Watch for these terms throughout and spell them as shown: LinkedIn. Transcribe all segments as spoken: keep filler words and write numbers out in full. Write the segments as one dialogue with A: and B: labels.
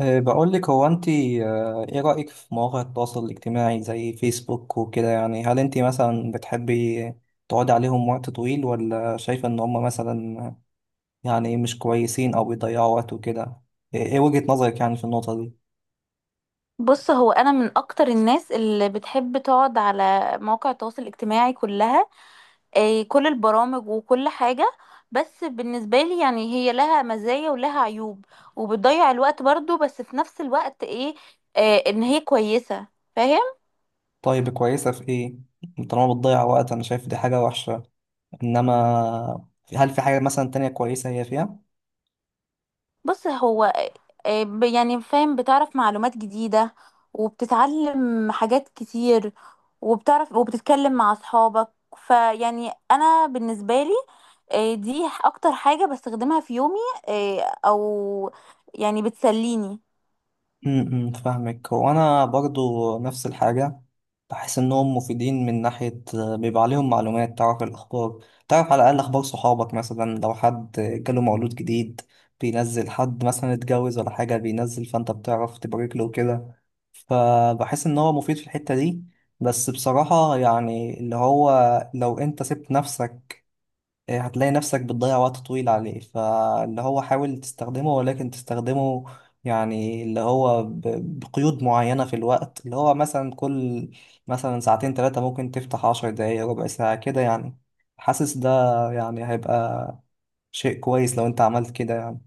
A: أه، بقول لك، هو انت أه، ايه رأيك في مواقع التواصل الاجتماعي زي فيسبوك وكده؟ يعني هل انت مثلا بتحبي تقعدي عليهم وقت طويل، ولا شايفة ان هم مثلا يعني مش كويسين او بيضيعوا وقت وكده؟ ايه إيه وجهة نظرك يعني في النقطة دي؟
B: بص، هو انا من اكتر الناس اللي بتحب تقعد على مواقع التواصل الاجتماعي كلها. آه، كل البرامج وكل حاجة. بس بالنسبة لي يعني هي لها مزايا ولها عيوب، وبتضيع الوقت برضو، بس في نفس الوقت ايه، آه، ان هي كويسة. فاهم؟
A: طيب كويسة في ايه؟ طالما بتضيع وقت انا شايف دي حاجة وحشة، انما هل في حاجة مثلا تانية كويسة هي فيها؟
B: بص هو آه، آه، ب- يعني فاهم، بتعرف معلومات جديدة، وبتتعلم حاجات كتير، وبتعرف وبتتكلم مع أصحابك. فيعني أنا بالنسبة لي، آه، دي أكتر حاجة بستخدمها في يومي. آه، أو يعني بتسليني.
A: امم فاهمك، هو انا برضو نفس الحاجه. بحس انهم مفيدين من ناحيه آه، بيبقى عليهم معلومات، تعرف الاخبار، تعرف على الاقل اخبار صحابك، مثلا لو حد جاله مولود جديد، بينزل حد مثلا اتجوز ولا حاجه بينزل، فانت بتعرف تبارك له وكده. فبحس ان هو مفيد في الحته دي. بس بصراحه يعني اللي هو لو انت سبت نفسك، إيه، هتلاقي نفسك بتضيع وقت طويل عليه. فاللي هو حاول تستخدمه، ولكن تستخدمه يعني اللي هو ب- بقيود معينة في الوقت، اللي هو مثلا كل مثلا ساعتين ثلاثة ممكن تفتح عشر دقايق، ربع ساعة كده يعني. حاسس ده يعني هيبقى شيء كويس لو انت عملت كده يعني.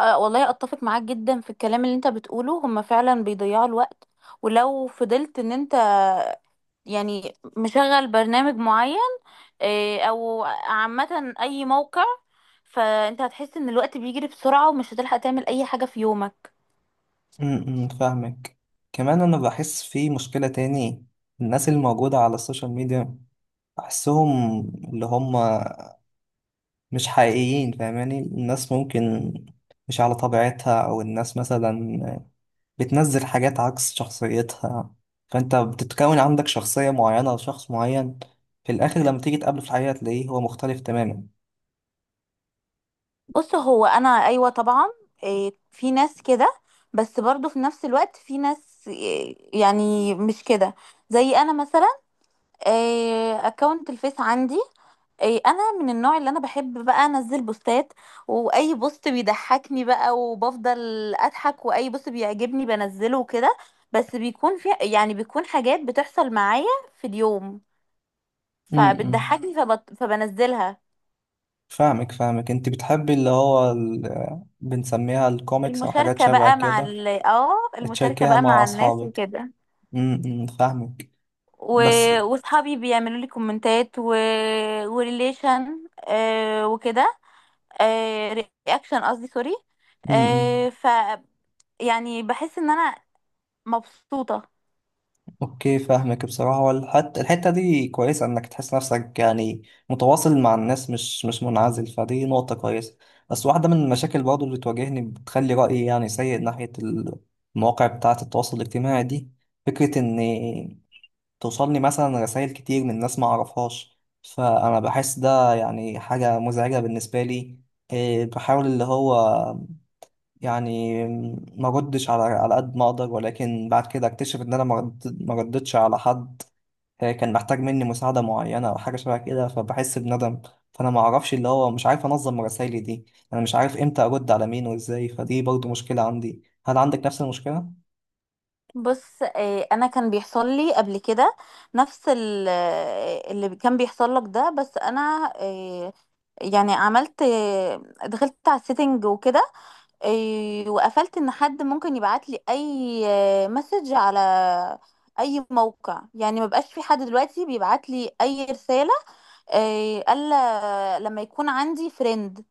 B: آه، والله أتفق معاك جدا في الكلام اللي أنت بتقوله. هما فعلا بيضيعوا الوقت، ولو فضلت إن أنت يعني مشغل برنامج معين، إيه، او عامة اي موقع، فانت هتحس ان الوقت بيجري بسرعة، ومش هتلحق تعمل اي حاجة في يومك.
A: م- م، فاهمك. كمان انا بحس في مشكلة تاني، الناس الموجودة على السوشيال ميديا بحسهم اللي هم مش حقيقيين، فاهماني؟ الناس ممكن مش على طبيعتها، او الناس مثلا بتنزل حاجات عكس شخصيتها، فانت بتتكون عندك شخصية معينة لشخص معين، في الاخر لما تيجي تقابله في الحقيقة تلاقيه هو مختلف تماما.
B: بص هو انا ايوه طبعا، إيه، في ناس كده، بس برضو في نفس الوقت في ناس إيه، يعني مش كده. زي انا مثلا، اكونت الفيس عندي، إيه انا من النوع اللي انا بحب بقى انزل بوستات. واي بوست بيضحكني بقى وبفضل اضحك، واي بوست بيعجبني بنزله وكده. بس بيكون في يعني بيكون حاجات بتحصل معايا في اليوم
A: امم
B: فبتضحكني فبت... فبنزلها.
A: فاهمك فاهمك، انت بتحبي اللي هو ال... بنسميها الكوميكس او حاجات
B: المشاركة
A: شبه
B: بقى مع
A: كده.
B: ال... اه، المشاركة
A: تشاركيها
B: بقى
A: مع
B: مع الناس
A: اصحابك،
B: وكده.
A: امم فاهمك.
B: و...
A: بس
B: وصحابي بيعملوا لي كومنتات و... وريليشن، آه وكده. آه، رياكشن قصدي، سوري.
A: امم
B: آه ف يعني بحس ان انا مبسوطة.
A: اوكي فاهمك بصراحة، والحتى الحتة دي كويسة، انك تحس نفسك يعني متواصل مع الناس، مش مش منعزل، فدي نقطة كويسة. بس واحدة من المشاكل برضه اللي بتواجهني، بتخلي رأيي يعني سيء ناحية المواقع بتاعة التواصل الاجتماعي دي، فكرة ان توصلني مثلا رسائل كتير من ناس ما اعرفهاش، فانا بحس ده يعني حاجة مزعجة بالنسبة لي. إيه، بحاول اللي هو يعني ما ردش على على قد ما اقدر، ولكن بعد كده اكتشف ان انا ما رد- ما ردتش على حد آه، كان محتاج مني مساعدة معينة او حاجة شبه كده، فبحس بندم. فانا ما اعرفش اللي هو مش عارف انظم رسايلي دي، انا مش عارف امتى ارد على مين وازاي، فدي برضو مشكلة عندي. هل عندك نفس المشكلة؟
B: بص، آه، انا كان بيحصل لي قبل كده نفس ال- آه، اللي كان بيحصل لك ده، بس انا آه، يعني عملت، آه، دخلت على السيتنج وكده. آه، وقفلت ان حد ممكن يبعت لي اي مسج على اي موقع. يعني ما بقاش في حد دلوقتي بيبعت لي اي رسالة، آه، الا لما يكون عندي فريند.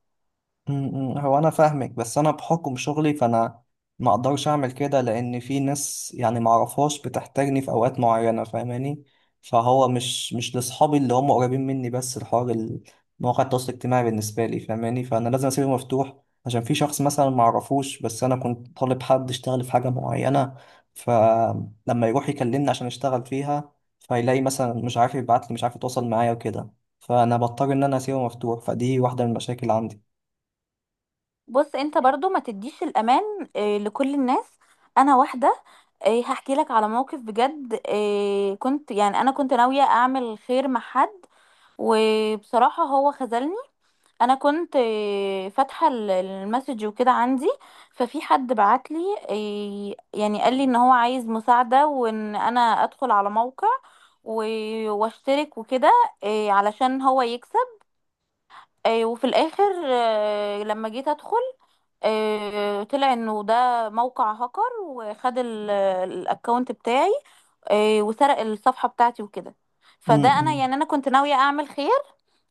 A: م- م. هو انا فاهمك، بس انا بحكم شغلي، فانا ما اقدرش اعمل كده، لان في ناس يعني ما اعرفهاش بتحتاجني في اوقات معينه، فاهماني؟ فهو مش مش لاصحابي اللي هم قريبين مني بس، الحوار ال- مواقع التواصل الاجتماعي بالنسبه لي فاهماني، فانا لازم اسيبه مفتوح، عشان في شخص مثلا ما اعرفوش، بس انا كنت طالب حد يشتغل في حاجه معينه، فلما يروح يكلمني عشان يشتغل فيها، فيلاقي مثلا مش عارف يبعت لي، مش عارف يتواصل معايا وكده، فانا بضطر ان انا اسيبه مفتوح، فدي واحده من المشاكل عندي.
B: بص، انت برضو ما تديش الامان آه، لكل الناس. انا واحده، آه، هحكي لك على موقف بجد. آه، كنت يعني انا كنت ناويه اعمل خير مع حد، وبصراحه هو خذلني. انا كنت آه، فاتحه ال- المسج وكده عندي. ففي حد بعت لي، آه، يعني قال لي ان هو عايز مساعده، وان انا ادخل على موقع و- واشترك وكده، آه، علشان هو يكسب. آه، وفي الاخر آه، لما جيت ادخل، آه، طلع انه ده موقع هاكر، وخد ال- الاكونت بتاعي. آه، وسرق الصفحة بتاعتي وكده. فده، انا
A: امم
B: يعني انا كنت ناوية اعمل خير،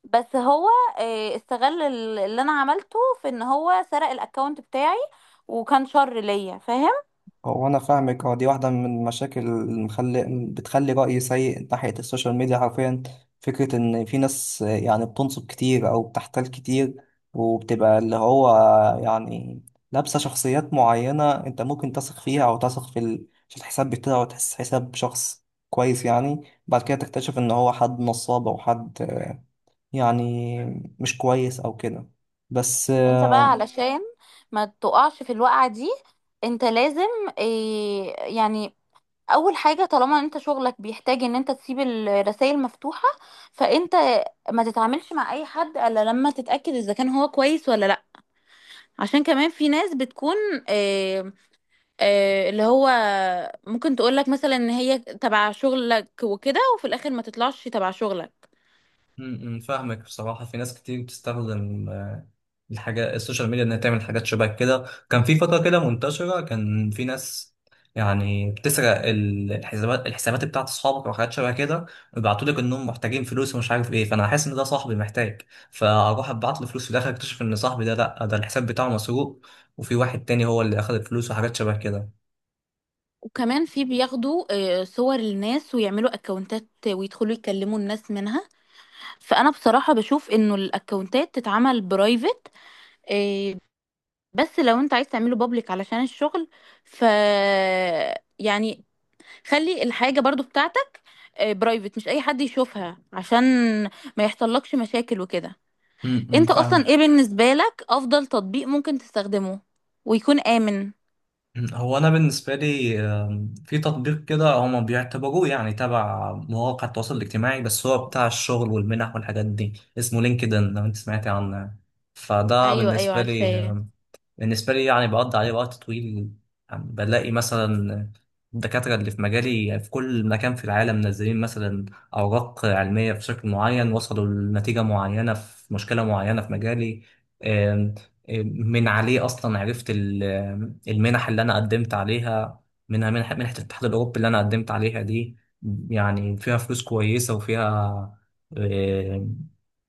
B: بس هو آه، استغل ال- اللي انا عملته في ان هو سرق الاكونت بتاعي، وكان شر ليا. فاهم؟
A: هو انا فاهمك، هو دي واحده من المشاكل اللي مخلي بتخلي رايي سيء ناحيه السوشيال ميديا حرفيا، فكره ان في ناس آه، يعني بتنصب كتير او بتحتال كتير، وبتبقى اللي هو يعني لابسه شخصيات معينه انت ممكن تثق فيها، او تثق في ال- في الحساب بتاعه وتحس حساب شخص كويس يعني، بعد كده تكتشف ان هو حد نصاب او حد آه، يعني مش كويس او كده. بس
B: انت بقى، مم.
A: آه،
B: علشان ما تقعش في الوقعة دي، انت لازم آه، يعني اول حاجه، طالما انت شغلك بيحتاج ان انت تسيب الرسائل مفتوحه، فانت ما تتعاملش مع اي حد الا لما تتاكد اذا كان هو كويس ولا لا. عشان كمان في ناس بتكون، آه آه اللي هو ممكن تقولك مثلا ان هي تبع شغلك وكده، وفي الاخر ما تطلعش تبع شغلك.
A: امم فاهمك بصراحة. في ناس كتير بتستخدم الحاجات السوشيال ميديا انها تعمل حاجات شبه كده، كان في فترة كده منتشرة، كان في ناس يعني بتسرق ال- الحسابات الحسابات بتاعت اصحابك او حاجات شبه كده، ويبعتوا لك انهم محتاجين فلوس ومش عارف ايه، فانا حاسس ان ده صاحبي محتاج، فاروح ابعت له فلوس، في الاخر اكتشف ان صاحبي ده لا، ده الحساب بتاعه مسروق، وفي واحد تاني هو اللي اخذ الفلوس وحاجات شبه كده.
B: وكمان في بياخدوا آه، صور الناس ويعملوا اكونتات، ويدخلوا يكلموا الناس منها. فانا بصراحه بشوف انه الاكونتات تتعمل برايفت. بس لو انت عايز تعمله بابليك علشان الشغل، ف يعني خلي الحاجة برضو بتاعتك برايفت، مش اي حد يشوفها، عشان ما يحصلكش مشاكل وكده.
A: امم
B: انت اصلا
A: فاهم.
B: ايه بالنسبة لك افضل تطبيق ممكن تستخدمه ويكون امن؟
A: هو انا بالنسبه لي آم، في تطبيق كده هما بيعتبروه يعني تبع مواقع التواصل الاجتماعي، بس هو بتاع الشغل والمنح والحاجات دي، اسمه لينكدين لو انت سمعتي عنه يعني. فده
B: ايوه ايوه
A: بالنسبه لي
B: عارفاه.
A: بالنسبة لي يعني بقضي عليه وقت طويل، يعني بلاقي مثلا الدكاترة اللي في مجالي في كل مكان في العالم منزلين مثلا أوراق علمية بشكل معين، وصلوا لنتيجة معينة في مشكلة معينة في مجالي. آم، آم، من عليه أصلا عرفت ال- آم، المنح اللي أنا قدمت عليها، منها منح- منحة الاتحاد الأوروبي اللي أنا قدمت عليها دي، يعني فيها فلوس كويسة، وفيها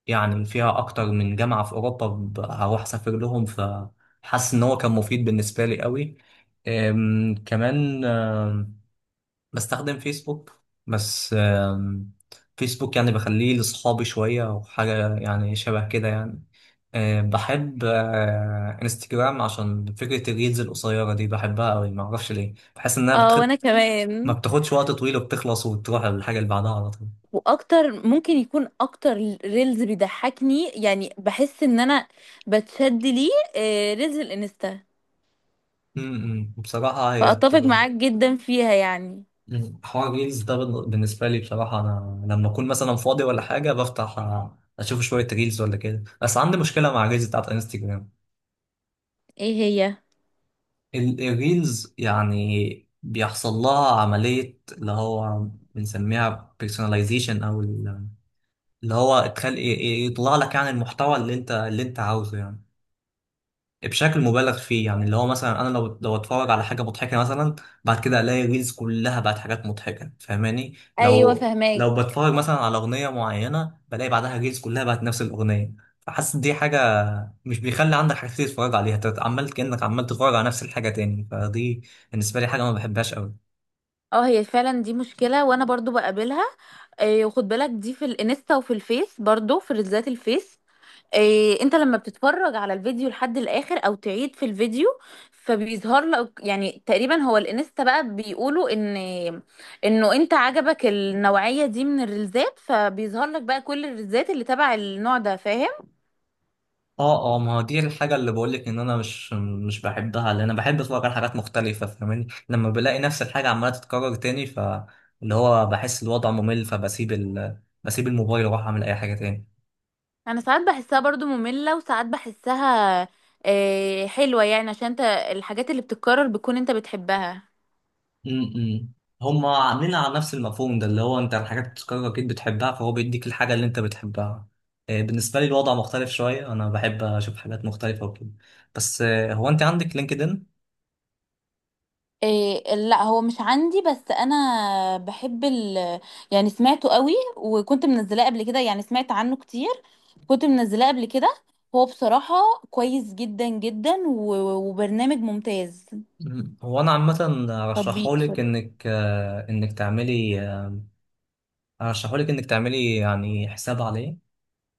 A: يعني فيها أكتر من جامعة في أوروبا ب- هروح أسافر لهم، فحاسس إن هو كان مفيد بالنسبة لي قوي. أم، كمان أم، بستخدم فيسبوك، بس أم، فيسبوك يعني بخليه لأصحابي شوية وحاجة يعني شبه كده يعني. أم، بحب أه، انستجرام، عشان فكرة الريلز القصيرة دي بحبها قوي، معرفش ليه، بحس إنها
B: اه وانا
A: بتخد... ما
B: كمان،
A: بتاخدش وقت طويل، وبتخلص وتروح للحاجة اللي بعدها على طول.
B: واكتر ممكن يكون اكتر ريلز بيضحكني، يعني بحس ان انا بتشد ليه، آه، ريلز الانستا.
A: م- م. بصراحة هي
B: فاتفق
A: بتبقى،
B: معاك جدا فيها يعني.
A: مم. حوار الريلز ده بال- بالنسبة لي بصراحة، أنا لما أكون مثلا فاضي ولا حاجة بفتح أ- أشوف شوية ريلز ولا كده، بس عندي مشكلة مع الريلز بتاعت انستجرام.
B: ايه هي؟
A: ال- الريلز يعني بيحصل لها عملية اللي هو بنسميها personalization أو ال- اللي هو تخلي ي- ي- يطلع لك يعني المحتوى اللي أنت اللي أنت عاوزه يعني، بشكل مبالغ فيه، يعني اللي هو مثلا انا لو لو اتفرج على حاجه مضحكه مثلا، بعد كده الاقي ريلز كلها بقت حاجات مضحكه، فاهماني؟
B: ايوه
A: لو
B: فهماك.
A: لو بتفرج مثلا على اغنيه معينه، بلاقي بعدها ريلز كلها بقت نفس الاغنيه. فحاسس دي حاجه مش بيخلي عندك حاجات كتير تتفرج عليها، انت عمال كانك عمال تتفرج على نفس الحاجه تاني، فدي بالنسبه لي حاجه ما بحبهاش قوي.
B: اه هي فعلا دي مشكلة، وانا برضو بقابلها. آه، وخد بالك دي في الانستا، وفي الفيس برضو في ريلزات الفيس. آه، انت لما بتتفرج على الفيديو لحد الاخر او تعيد في الفيديو، فبيظهر لك يعني تقريبا، هو الانستا بقى بيقولوا ان انه انت عجبك النوعية دي من الريلزات، فبيظهر لك بقى كل الريلزات اللي تبع النوع ده. فاهم؟
A: اه اه، ما هو دي الحاجة اللي بقولك ان انا مش مش بحبها، لان انا بحب اتفرج على حاجات مختلفة، فاهماني؟ لما بلاقي نفس الحاجة عمالة تتكرر تاني، ف اللي هو بحس الوضع ممل، فبسيب ال... بسيب الموبايل واروح اعمل اي حاجة تاني.
B: انا ساعات بحسها برضو مملة، وساعات بحسها آه، حلوة، يعني عشان انت الحاجات اللي بتتكرر بتكون انت بتحبها.
A: امم هما عاملين على نفس المفهوم ده، اللي هو انت الحاجات بتتكرر اكيد بتحبها، فهو بيديك الحاجة اللي انت بتحبها. آه، بالنسبة لي الوضع مختلف شوية، انا بحب اشوف حاجات مختلفة وكده. بس آه، هو انت عندك لينكدين؟
B: إيه لا هو مش عندي، بس انا بحب ال يعني، سمعته قوي، وكنت منزلاه قبل كده. يعني سمعت عنه كتير، كنت منزلاه قبل كده. هو بصراحة كويس جدا جدا، و- وبرنامج ممتاز.
A: مم. هو انا عامه
B: تطبيق
A: ارشحهولك
B: سوري.
A: انك آه، انك تعملي أرشحهولك إنك تعملي يعني حساب عليه،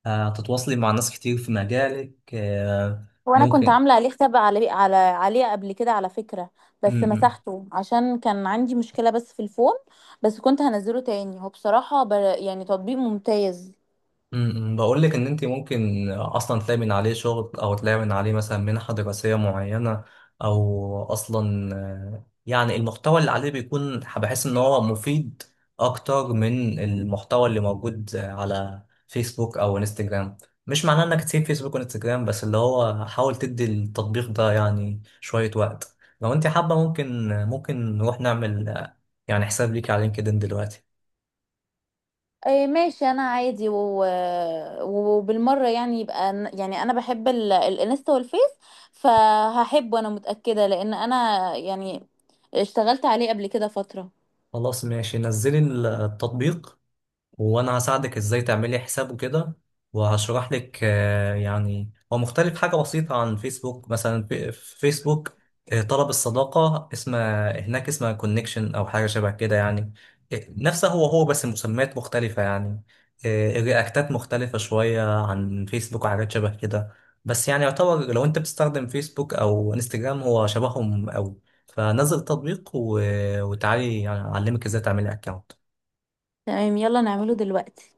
A: هتتواصلي مع ناس كتير في مجالك آه،
B: وانا كنت
A: ممكن.
B: عامله عليه حساب على على عليه قبل كده على فكره.
A: م
B: بس
A: -م.
B: مسحته عشان كان عندي مشكله بس في الفون. بس كنت هنزله تاني. هو بصراحه بر... يعني تطبيق ممتاز.
A: امم، بقول لك ان انت ممكن اصلا تلاقي من عليه شغل، او تلاقي من عليه مثلا منحة دراسية معينة، او اصلا آه، يعني المحتوى اللي عليه بيكون، بحس ان هو مفيد اكتر من المحتوى اللي موجود على فيسبوك او انستجرام. مش معناه انك تسيب فيسبوك وانستجرام، بس اللي هو حاول تدي التطبيق ده يعني شوية وقت، لو انت حابة ممكن ممكن نروح نعمل آه، يعني حساب ليك على لينكدين دلوقتي.
B: إيه ماشي، انا عادي و... وبالمره يعني يبقى ن- يعني انا بحب ال... الانستا والفيس، فهحبه انا متاكده، لان انا يعني اشتغلت عليه قبل كده فتره.
A: خلاص ماشي، نزلي التطبيق وانا هساعدك ازاي تعملي حساب وكده، وهشرح لك آه، يعني هو مختلف حاجة بسيطة عن فيسبوك. مثلا في في فيسبوك آه، طلب الصداقة، اسمها هناك اسمها كونكشن او حاجة شبه كده يعني، آه، نفسه هو هو بس مسميات مختلفة يعني. آه، الرياكتات مختلفة شوية عن فيسبوك وحاجات شبه كده. بس يعني يعتبر لو انت بتستخدم فيسبوك او انستجرام هو شبههم قوي، فنزل التطبيق و- وتعالي يعني اعلمك ازاي تعملي اكونت
B: تمام، يلا نعمله دلوقتي.